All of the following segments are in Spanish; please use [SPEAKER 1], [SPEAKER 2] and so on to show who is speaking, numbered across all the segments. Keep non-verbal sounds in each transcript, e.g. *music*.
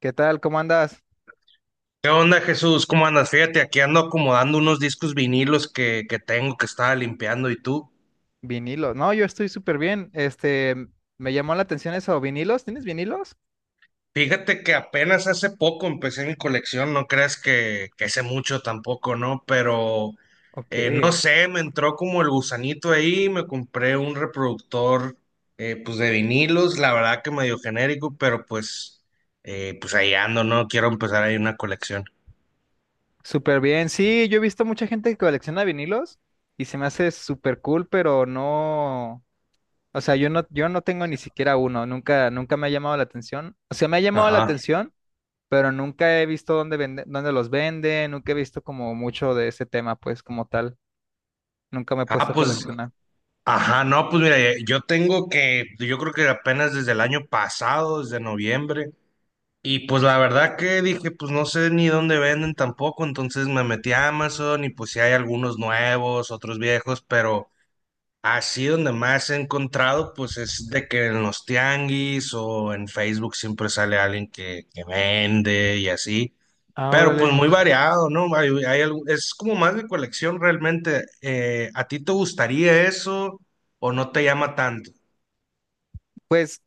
[SPEAKER 1] ¿Qué tal? ¿Cómo andas?
[SPEAKER 2] ¿Qué onda, Jesús? ¿Cómo andas? Fíjate, aquí ando acomodando unos discos vinilos que tengo que estaba limpiando. ¿Y tú?
[SPEAKER 1] Vinilos. No, yo estoy súper bien. Me llamó la atención eso. ¿Vinilos? ¿Tienes vinilos?
[SPEAKER 2] Fíjate que apenas hace poco empecé mi colección, no creas que sé mucho tampoco, ¿no? Pero
[SPEAKER 1] Ok.
[SPEAKER 2] no sé, me entró como el gusanito ahí, me compré un reproductor pues de vinilos, la verdad que medio genérico, pero pues, pues ahí ando, ¿no? Quiero empezar ahí una colección.
[SPEAKER 1] Súper bien. Sí, yo he visto mucha gente que colecciona vinilos y se me hace súper cool, pero no. O sea, yo no tengo ni siquiera uno. Nunca me ha llamado la atención. O sea, me ha llamado la
[SPEAKER 2] Ajá.
[SPEAKER 1] atención, pero nunca he visto dónde vende, dónde los venden. Nunca he visto como mucho de ese tema, pues, como tal. Nunca me he puesto
[SPEAKER 2] Ah,
[SPEAKER 1] a
[SPEAKER 2] pues.
[SPEAKER 1] coleccionar.
[SPEAKER 2] Ajá, no, pues mira, yo tengo que, yo creo que apenas desde el año pasado, desde noviembre, y pues la verdad que dije, pues no sé ni dónde venden tampoco, entonces me metí a Amazon y pues sí hay algunos nuevos, otros viejos, pero así donde más he encontrado, pues es de que en los tianguis o en Facebook siempre sale alguien que vende y así.
[SPEAKER 1] Ah,
[SPEAKER 2] Pero pues
[SPEAKER 1] órale.
[SPEAKER 2] muy variado, ¿no? Hay es como más de colección realmente. ¿A ti te gustaría eso o no te llama tanto?
[SPEAKER 1] Pues.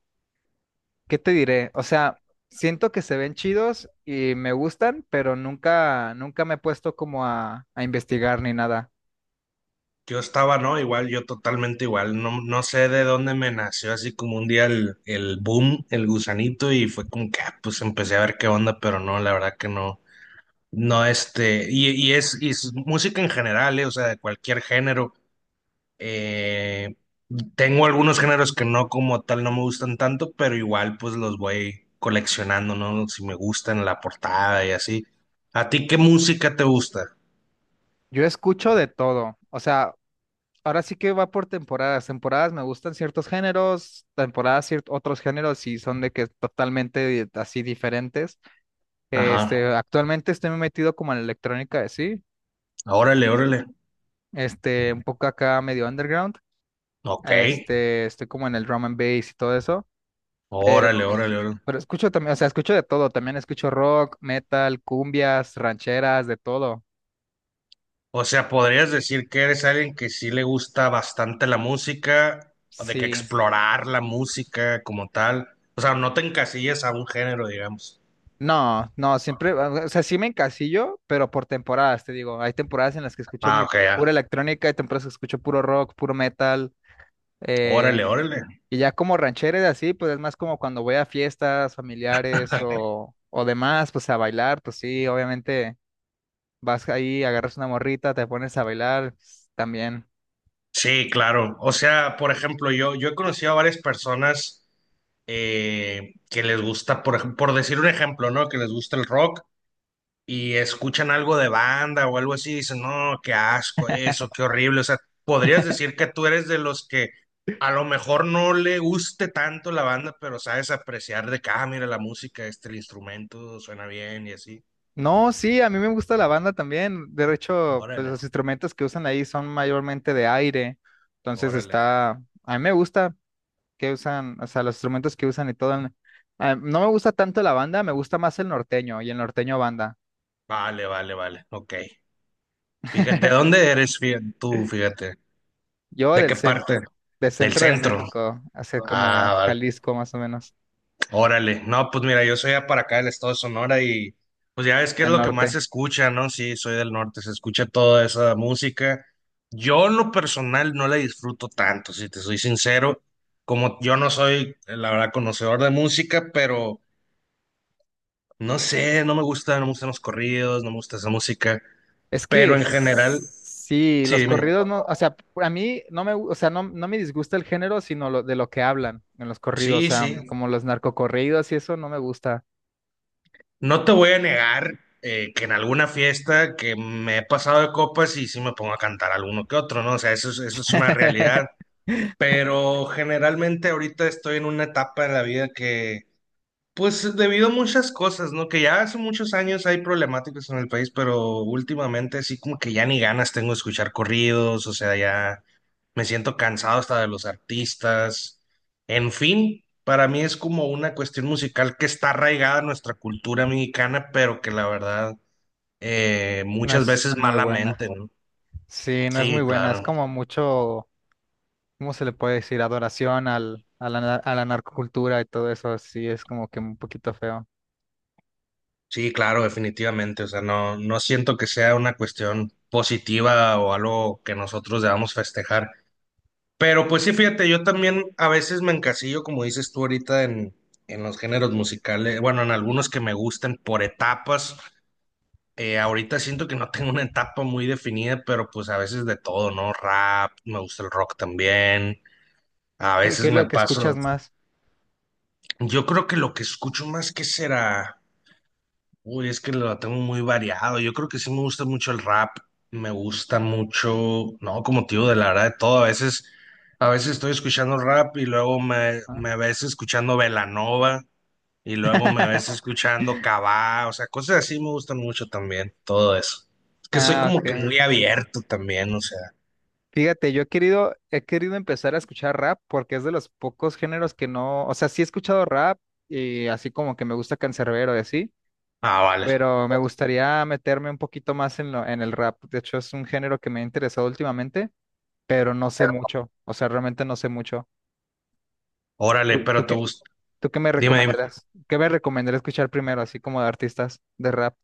[SPEAKER 1] ¿Qué te diré? O sea, siento que se ven chidos y me gustan, pero nunca me he puesto como a investigar ni nada.
[SPEAKER 2] Yo estaba, ¿no? Igual, yo totalmente igual. No, no sé de dónde me nació así como un día el boom, el gusanito y fue como que, ah, pues empecé a ver qué onda, pero no, la verdad que no. No, este, y es música en general, ¿eh? O sea, de cualquier género. Eh, tengo algunos géneros que no como tal no me gustan tanto, pero igual pues los voy coleccionando, ¿no? Si me gustan la portada y así. ¿A ti qué música te gusta?
[SPEAKER 1] Yo escucho de todo. O sea, ahora sí que va por temporadas. Temporadas me gustan ciertos géneros, temporadas otros géneros y son de que totalmente así diferentes.
[SPEAKER 2] Ajá.
[SPEAKER 1] Actualmente estoy metido como en la electrónica de sí.
[SPEAKER 2] Órale, órale.
[SPEAKER 1] Un poco acá medio underground.
[SPEAKER 2] Ok.
[SPEAKER 1] Estoy como en el drum and bass y todo eso. Pero,
[SPEAKER 2] Órale, órale, órale.
[SPEAKER 1] pero escucho también, o sea, escucho de todo, también escucho rock, metal, cumbias, rancheras, de todo.
[SPEAKER 2] O sea, podrías decir que eres alguien que sí le gusta bastante la música, o de que
[SPEAKER 1] Sí.
[SPEAKER 2] explorar la música como tal. O sea, no te encasillas a un género, digamos.
[SPEAKER 1] No, no, siempre, o sea, sí me encasillo, pero por temporadas, te digo, hay temporadas en las que escucho
[SPEAKER 2] Ah, ok, ya.
[SPEAKER 1] pura electrónica, hay temporadas que escucho puro rock, puro metal, eh,
[SPEAKER 2] Órale, órale.
[SPEAKER 1] y ya como rancheras así, pues es más como cuando voy a fiestas familiares o demás, pues a bailar, pues sí, obviamente vas ahí, agarras una morrita, te pones a bailar, pues, también.
[SPEAKER 2] Sí, claro. O sea, por ejemplo, yo he conocido a varias personas que les gusta, por, por decir un ejemplo, ¿no? Que les gusta el rock y escuchan algo de banda o algo así y dicen, no, qué asco
[SPEAKER 1] *laughs*
[SPEAKER 2] eso, qué horrible. O sea, podrías decir que tú eres de los que a lo mejor no le guste tanto la banda, pero sabes apreciar de que, ah, mira la música, este, el instrumento suena bien y así.
[SPEAKER 1] No, sí, a mí me gusta la banda también. De hecho, pues
[SPEAKER 2] Órale,
[SPEAKER 1] los instrumentos que usan ahí son mayormente de aire. Entonces
[SPEAKER 2] órale.
[SPEAKER 1] está, a mí me gusta que usan, o sea, los instrumentos que usan y todo. Ah, no me gusta tanto la banda, me gusta más el norteño y el norteño banda.
[SPEAKER 2] Vale, vale, vale. Ok. Fíjate, ¿de
[SPEAKER 1] *laughs*
[SPEAKER 2] dónde eres tú? Fíjate.
[SPEAKER 1] Yo
[SPEAKER 2] ¿De
[SPEAKER 1] del
[SPEAKER 2] qué
[SPEAKER 1] cen-
[SPEAKER 2] parte?
[SPEAKER 1] del
[SPEAKER 2] Del
[SPEAKER 1] centro de
[SPEAKER 2] centro.
[SPEAKER 1] México, hacia
[SPEAKER 2] Ah,
[SPEAKER 1] como
[SPEAKER 2] vale.
[SPEAKER 1] Jalisco más o menos,
[SPEAKER 2] Órale. No, pues mira, yo soy ya para acá del estado de Sonora y pues ya ves que es
[SPEAKER 1] del
[SPEAKER 2] lo que más se
[SPEAKER 1] norte.
[SPEAKER 2] escucha, ¿no? Sí, soy del norte, se escucha toda esa música. Yo en lo personal no la disfruto tanto, si te soy sincero, como yo no soy, la verdad, conocedor de música, pero no sé, no me gusta, no me gustan los corridos, no me gusta esa música,
[SPEAKER 1] Es
[SPEAKER 2] pero
[SPEAKER 1] que
[SPEAKER 2] en general,
[SPEAKER 1] sí,
[SPEAKER 2] sí,
[SPEAKER 1] los
[SPEAKER 2] dime.
[SPEAKER 1] corridos no, o sea, a mí no me, gu- o sea, no me disgusta el género, sino de lo que hablan en los corridos, o
[SPEAKER 2] Sí,
[SPEAKER 1] sea,
[SPEAKER 2] sí.
[SPEAKER 1] como los narcocorridos y eso no me gusta.
[SPEAKER 2] No te voy a negar que en alguna fiesta que me he pasado de copas y sí me pongo a cantar alguno que otro, ¿no? O sea, eso es una realidad.
[SPEAKER 1] *laughs*
[SPEAKER 2] Pero generalmente ahorita estoy en una etapa de la vida que, pues debido a muchas cosas, ¿no? Que ya hace muchos años hay problemáticas en el país, pero últimamente sí como que ya ni ganas tengo de escuchar corridos, o sea, ya me siento cansado hasta de los artistas. En fin, para mí es como una cuestión musical que está arraigada en nuestra cultura mexicana, pero que la verdad
[SPEAKER 1] No
[SPEAKER 2] muchas
[SPEAKER 1] es
[SPEAKER 2] veces
[SPEAKER 1] muy buena.
[SPEAKER 2] malamente, ¿no?
[SPEAKER 1] Sí, no es muy
[SPEAKER 2] Sí,
[SPEAKER 1] buena. Es
[SPEAKER 2] claro.
[SPEAKER 1] como mucho, ¿cómo se le puede decir? Adoración a la narcocultura y todo eso. Sí, es como que un poquito feo.
[SPEAKER 2] Sí, claro, definitivamente. O sea, no, no siento que sea una cuestión positiva o algo que nosotros debamos festejar. Pero pues sí, fíjate, yo también a veces me encasillo, como dices tú ahorita, en los géneros musicales, bueno, en algunos que me gustan por etapas. Ahorita siento que no tengo una etapa muy definida, pero pues a veces de todo, ¿no? Rap, me gusta el rock también, a
[SPEAKER 1] ¿Qué,
[SPEAKER 2] veces
[SPEAKER 1] qué es lo
[SPEAKER 2] me
[SPEAKER 1] que escuchas
[SPEAKER 2] paso.
[SPEAKER 1] más?
[SPEAKER 2] Yo creo que lo que escucho más que será, uy, es que lo tengo muy variado. Yo creo que sí me gusta mucho el rap, me gusta mucho, no, como tío, de la verdad, de todo. A veces estoy escuchando rap y luego
[SPEAKER 1] Ah,
[SPEAKER 2] me ves escuchando Belanova. Y luego me ves
[SPEAKER 1] *laughs*
[SPEAKER 2] escuchando Cabá, o sea, cosas así me gustan mucho también, todo eso. Es que soy
[SPEAKER 1] Ah,
[SPEAKER 2] como
[SPEAKER 1] ok.
[SPEAKER 2] que muy abierto también, o sea.
[SPEAKER 1] Fíjate, he querido empezar a escuchar rap porque es de los pocos géneros que no, o sea, sí he escuchado rap y así como que me gusta Canserbero y así,
[SPEAKER 2] Ah, vale.
[SPEAKER 1] pero me gustaría meterme un poquito más en en el rap. De hecho, es un género que me ha interesado últimamente, pero no sé mucho, o sea, realmente no sé mucho.
[SPEAKER 2] Órale,
[SPEAKER 1] ¿Tú, tú
[SPEAKER 2] pero te
[SPEAKER 1] qué,
[SPEAKER 2] gusta.
[SPEAKER 1] ¿tú qué me
[SPEAKER 2] Dime, dime.
[SPEAKER 1] recomendarás? ¿Qué me recomendarías escuchar primero, así como de artistas de rap?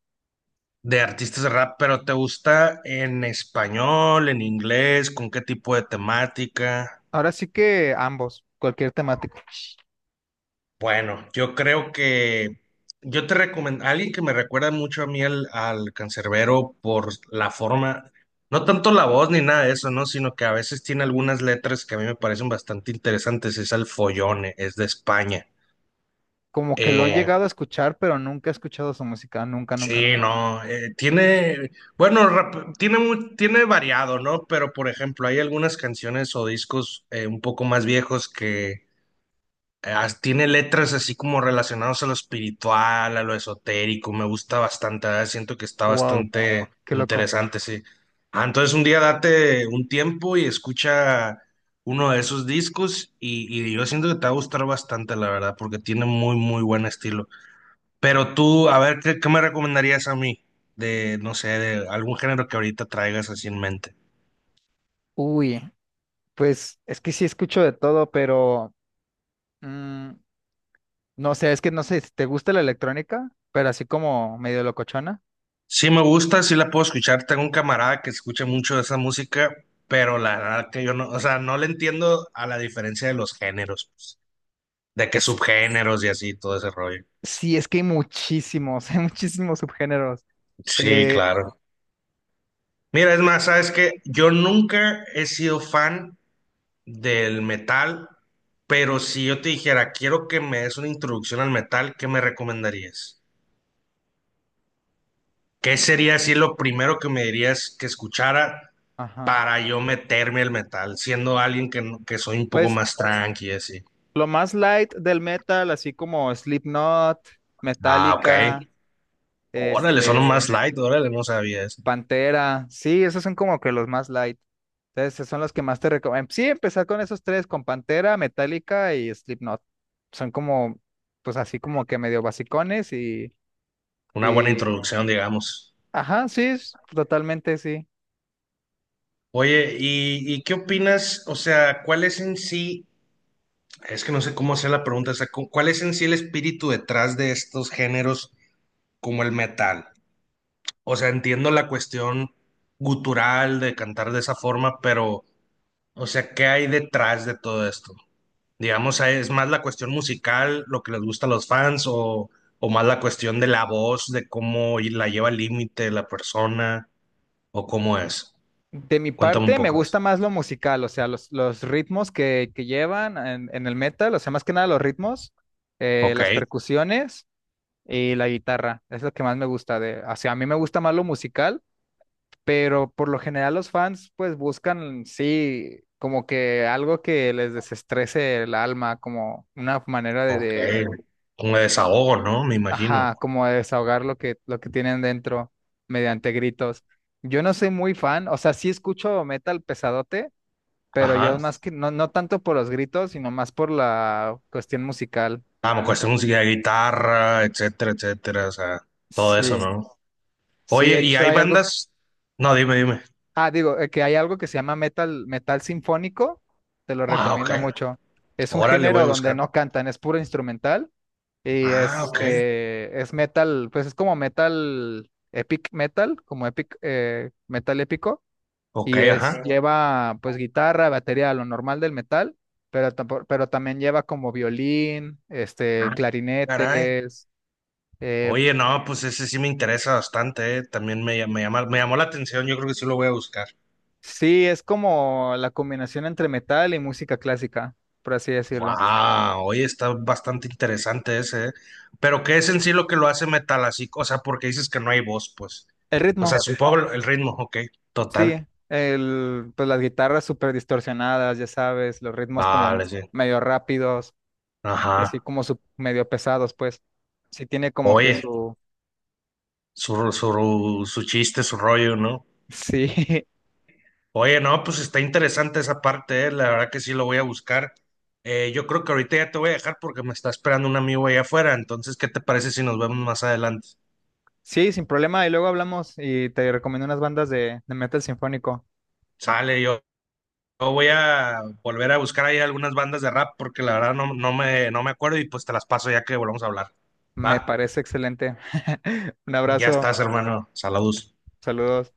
[SPEAKER 2] De artistas de rap, pero ¿te gusta en español, en inglés? ¿Con qué tipo de temática?
[SPEAKER 1] Ahora sí que ambos, cualquier temática.
[SPEAKER 2] Bueno, yo creo que yo te recomiendo, alguien que me recuerda mucho a mí al cancerbero por la forma, no tanto la voz ni nada de eso, ¿no? Sino que a veces tiene algunas letras que a mí me parecen bastante interesantes, es al Follone, es de España.
[SPEAKER 1] Como que lo he
[SPEAKER 2] Oh,
[SPEAKER 1] llegado a escuchar, pero nunca he escuchado su música, nunca, nunca,
[SPEAKER 2] sí,
[SPEAKER 1] nunca.
[SPEAKER 2] no, tiene, bueno, tiene, tiene variado, ¿no? Pero, por ejemplo, hay algunas canciones o discos un poco más viejos que tiene letras así como relacionadas a lo espiritual, a lo esotérico, me gusta bastante, ¿verdad? Siento que está
[SPEAKER 1] Wow.
[SPEAKER 2] bastante
[SPEAKER 1] Qué loco.
[SPEAKER 2] interesante, sí. Ah, entonces un día date un tiempo y escucha uno de esos discos y yo siento que te va a gustar bastante, la verdad, porque tiene muy buen estilo. Pero tú, a ver, ¿qué me recomendarías a mí de, no sé, de algún género que ahorita traigas así en mente?
[SPEAKER 1] Uy, pues es que sí escucho de todo, pero mm, no sé, es que no sé si te gusta la electrónica, pero así como medio locochona.
[SPEAKER 2] Sí me gusta, sí la puedo escuchar. Tengo un camarada que escucha mucho de esa música, pero la verdad que yo no, o sea, no le entiendo a la diferencia de los géneros, pues, de qué
[SPEAKER 1] Es,
[SPEAKER 2] subgéneros y así, todo ese rollo.
[SPEAKER 1] sí, es que hay muchísimos, *laughs* hay muchísimos subgéneros.
[SPEAKER 2] Sí,
[SPEAKER 1] Eh,
[SPEAKER 2] claro. Mira, es más, sabes que yo nunca he sido fan del metal, pero si yo te dijera, quiero que me des una introducción al metal, ¿qué me recomendarías? ¿Qué sería así lo primero que me dirías que escuchara
[SPEAKER 1] ajá.
[SPEAKER 2] para yo meterme al metal, siendo alguien que, que soy un poco
[SPEAKER 1] Pues
[SPEAKER 2] más tranqui, así?
[SPEAKER 1] lo más light del metal, así como Slipknot,
[SPEAKER 2] Ah,
[SPEAKER 1] Metallica,
[SPEAKER 2] ok. Órale, son más
[SPEAKER 1] este,
[SPEAKER 2] light, órale, no sabía eso.
[SPEAKER 1] Pantera, sí, esos son como que los más light. Entonces, esos son los que más te recomiendo. Sí, empezar con esos tres, con Pantera, Metallica y Slipknot. Son como, pues así como que medio basicones
[SPEAKER 2] Una buena
[SPEAKER 1] y...
[SPEAKER 2] introducción, digamos.
[SPEAKER 1] Ajá, sí, totalmente sí.
[SPEAKER 2] Oye, y qué opinas? O sea, ¿cuál es en sí, es que no sé cómo hacer la pregunta, o sea, ¿cuál es en sí el espíritu detrás de estos géneros como el metal? O sea, entiendo la cuestión gutural de cantar de esa forma, pero... O sea, ¿qué hay detrás de todo esto? Digamos, ¿es más la cuestión musical, lo que les gusta a los fans, o más la cuestión de la voz, de cómo la lleva al límite la persona, o cómo es?
[SPEAKER 1] De mi
[SPEAKER 2] Cuéntame un
[SPEAKER 1] parte, me
[SPEAKER 2] poco de eso.
[SPEAKER 1] gusta más lo musical, o sea, los ritmos que llevan en el metal, o sea, más que nada los ritmos,
[SPEAKER 2] Ok,
[SPEAKER 1] las percusiones y la guitarra. Es lo que más me gusta de, o sea, a mí me gusta más lo musical pero por lo general los fans pues buscan, sí, como que algo que les desestrese el alma, como una manera
[SPEAKER 2] ok. Un desahogo, ¿no? Me imagino.
[SPEAKER 1] ajá, como de desahogar lo que tienen dentro mediante gritos. Yo no soy muy fan, o sea, sí escucho metal pesadote, pero yo
[SPEAKER 2] Ajá.
[SPEAKER 1] más que, no, no tanto por los gritos, sino más por la cuestión musical.
[SPEAKER 2] Ah, cuestión música de guitarra, etcétera, etcétera. O sea, todo eso,
[SPEAKER 1] Sí,
[SPEAKER 2] ¿no?
[SPEAKER 1] sí, de
[SPEAKER 2] Oye, ¿y
[SPEAKER 1] hecho
[SPEAKER 2] hay
[SPEAKER 1] hay algo.
[SPEAKER 2] bandas? No, dime, dime.
[SPEAKER 1] Ah, digo, que hay algo que se llama metal sinfónico, te lo
[SPEAKER 2] Ah, ok.
[SPEAKER 1] recomiendo mucho. Es un
[SPEAKER 2] Ahora le voy a
[SPEAKER 1] género donde
[SPEAKER 2] buscar.
[SPEAKER 1] no cantan, es puro instrumental y
[SPEAKER 2] Ah, ok.
[SPEAKER 1] este es metal, pues es como metal, epic metal, como epic, metal épico
[SPEAKER 2] Ok,
[SPEAKER 1] y es
[SPEAKER 2] ajá.
[SPEAKER 1] lleva pues guitarra, batería, lo normal del metal, pero también lleva como violín,
[SPEAKER 2] Ah, caray.
[SPEAKER 1] clarinetes, eh,
[SPEAKER 2] Oye, no, pues ese sí me interesa bastante, eh. También me llamó la atención, yo creo que sí lo voy a buscar.
[SPEAKER 1] sí, es como la combinación entre metal y música clásica, por así decirlo.
[SPEAKER 2] Wow, oye, está bastante interesante ese, eh. Pero ¿qué es en sí lo que lo hace metal así? O sea, porque dices que no hay voz, pues.
[SPEAKER 1] El
[SPEAKER 2] O sea,
[SPEAKER 1] ritmo.
[SPEAKER 2] supongo el ritmo, ok,
[SPEAKER 1] Sí,
[SPEAKER 2] total.
[SPEAKER 1] el, pues las guitarras súper distorsionadas, ya sabes, los ritmos como
[SPEAKER 2] Vale, sí.
[SPEAKER 1] medio rápidos y así
[SPEAKER 2] Ajá.
[SPEAKER 1] como medio pesados, pues sí tiene como que
[SPEAKER 2] Oye,
[SPEAKER 1] su...
[SPEAKER 2] su chiste, su rollo, ¿no?
[SPEAKER 1] Sí, *laughs*
[SPEAKER 2] Oye, no, pues está interesante esa parte, eh. La verdad que sí lo voy a buscar. Yo creo que ahorita ya te voy a dejar porque me está esperando un amigo allá afuera. Entonces, ¿qué te parece si nos vemos más adelante?
[SPEAKER 1] sí, sin problema. Y luego hablamos y te recomiendo unas bandas de metal sinfónico.
[SPEAKER 2] Sale, yo voy a volver a buscar ahí algunas bandas de rap porque la verdad no, no me acuerdo y pues te las paso ya que volvamos a hablar.
[SPEAKER 1] Me
[SPEAKER 2] Va,
[SPEAKER 1] parece excelente. *laughs* Un
[SPEAKER 2] ya
[SPEAKER 1] abrazo,
[SPEAKER 2] estás, hermano. Saludos.
[SPEAKER 1] saludos.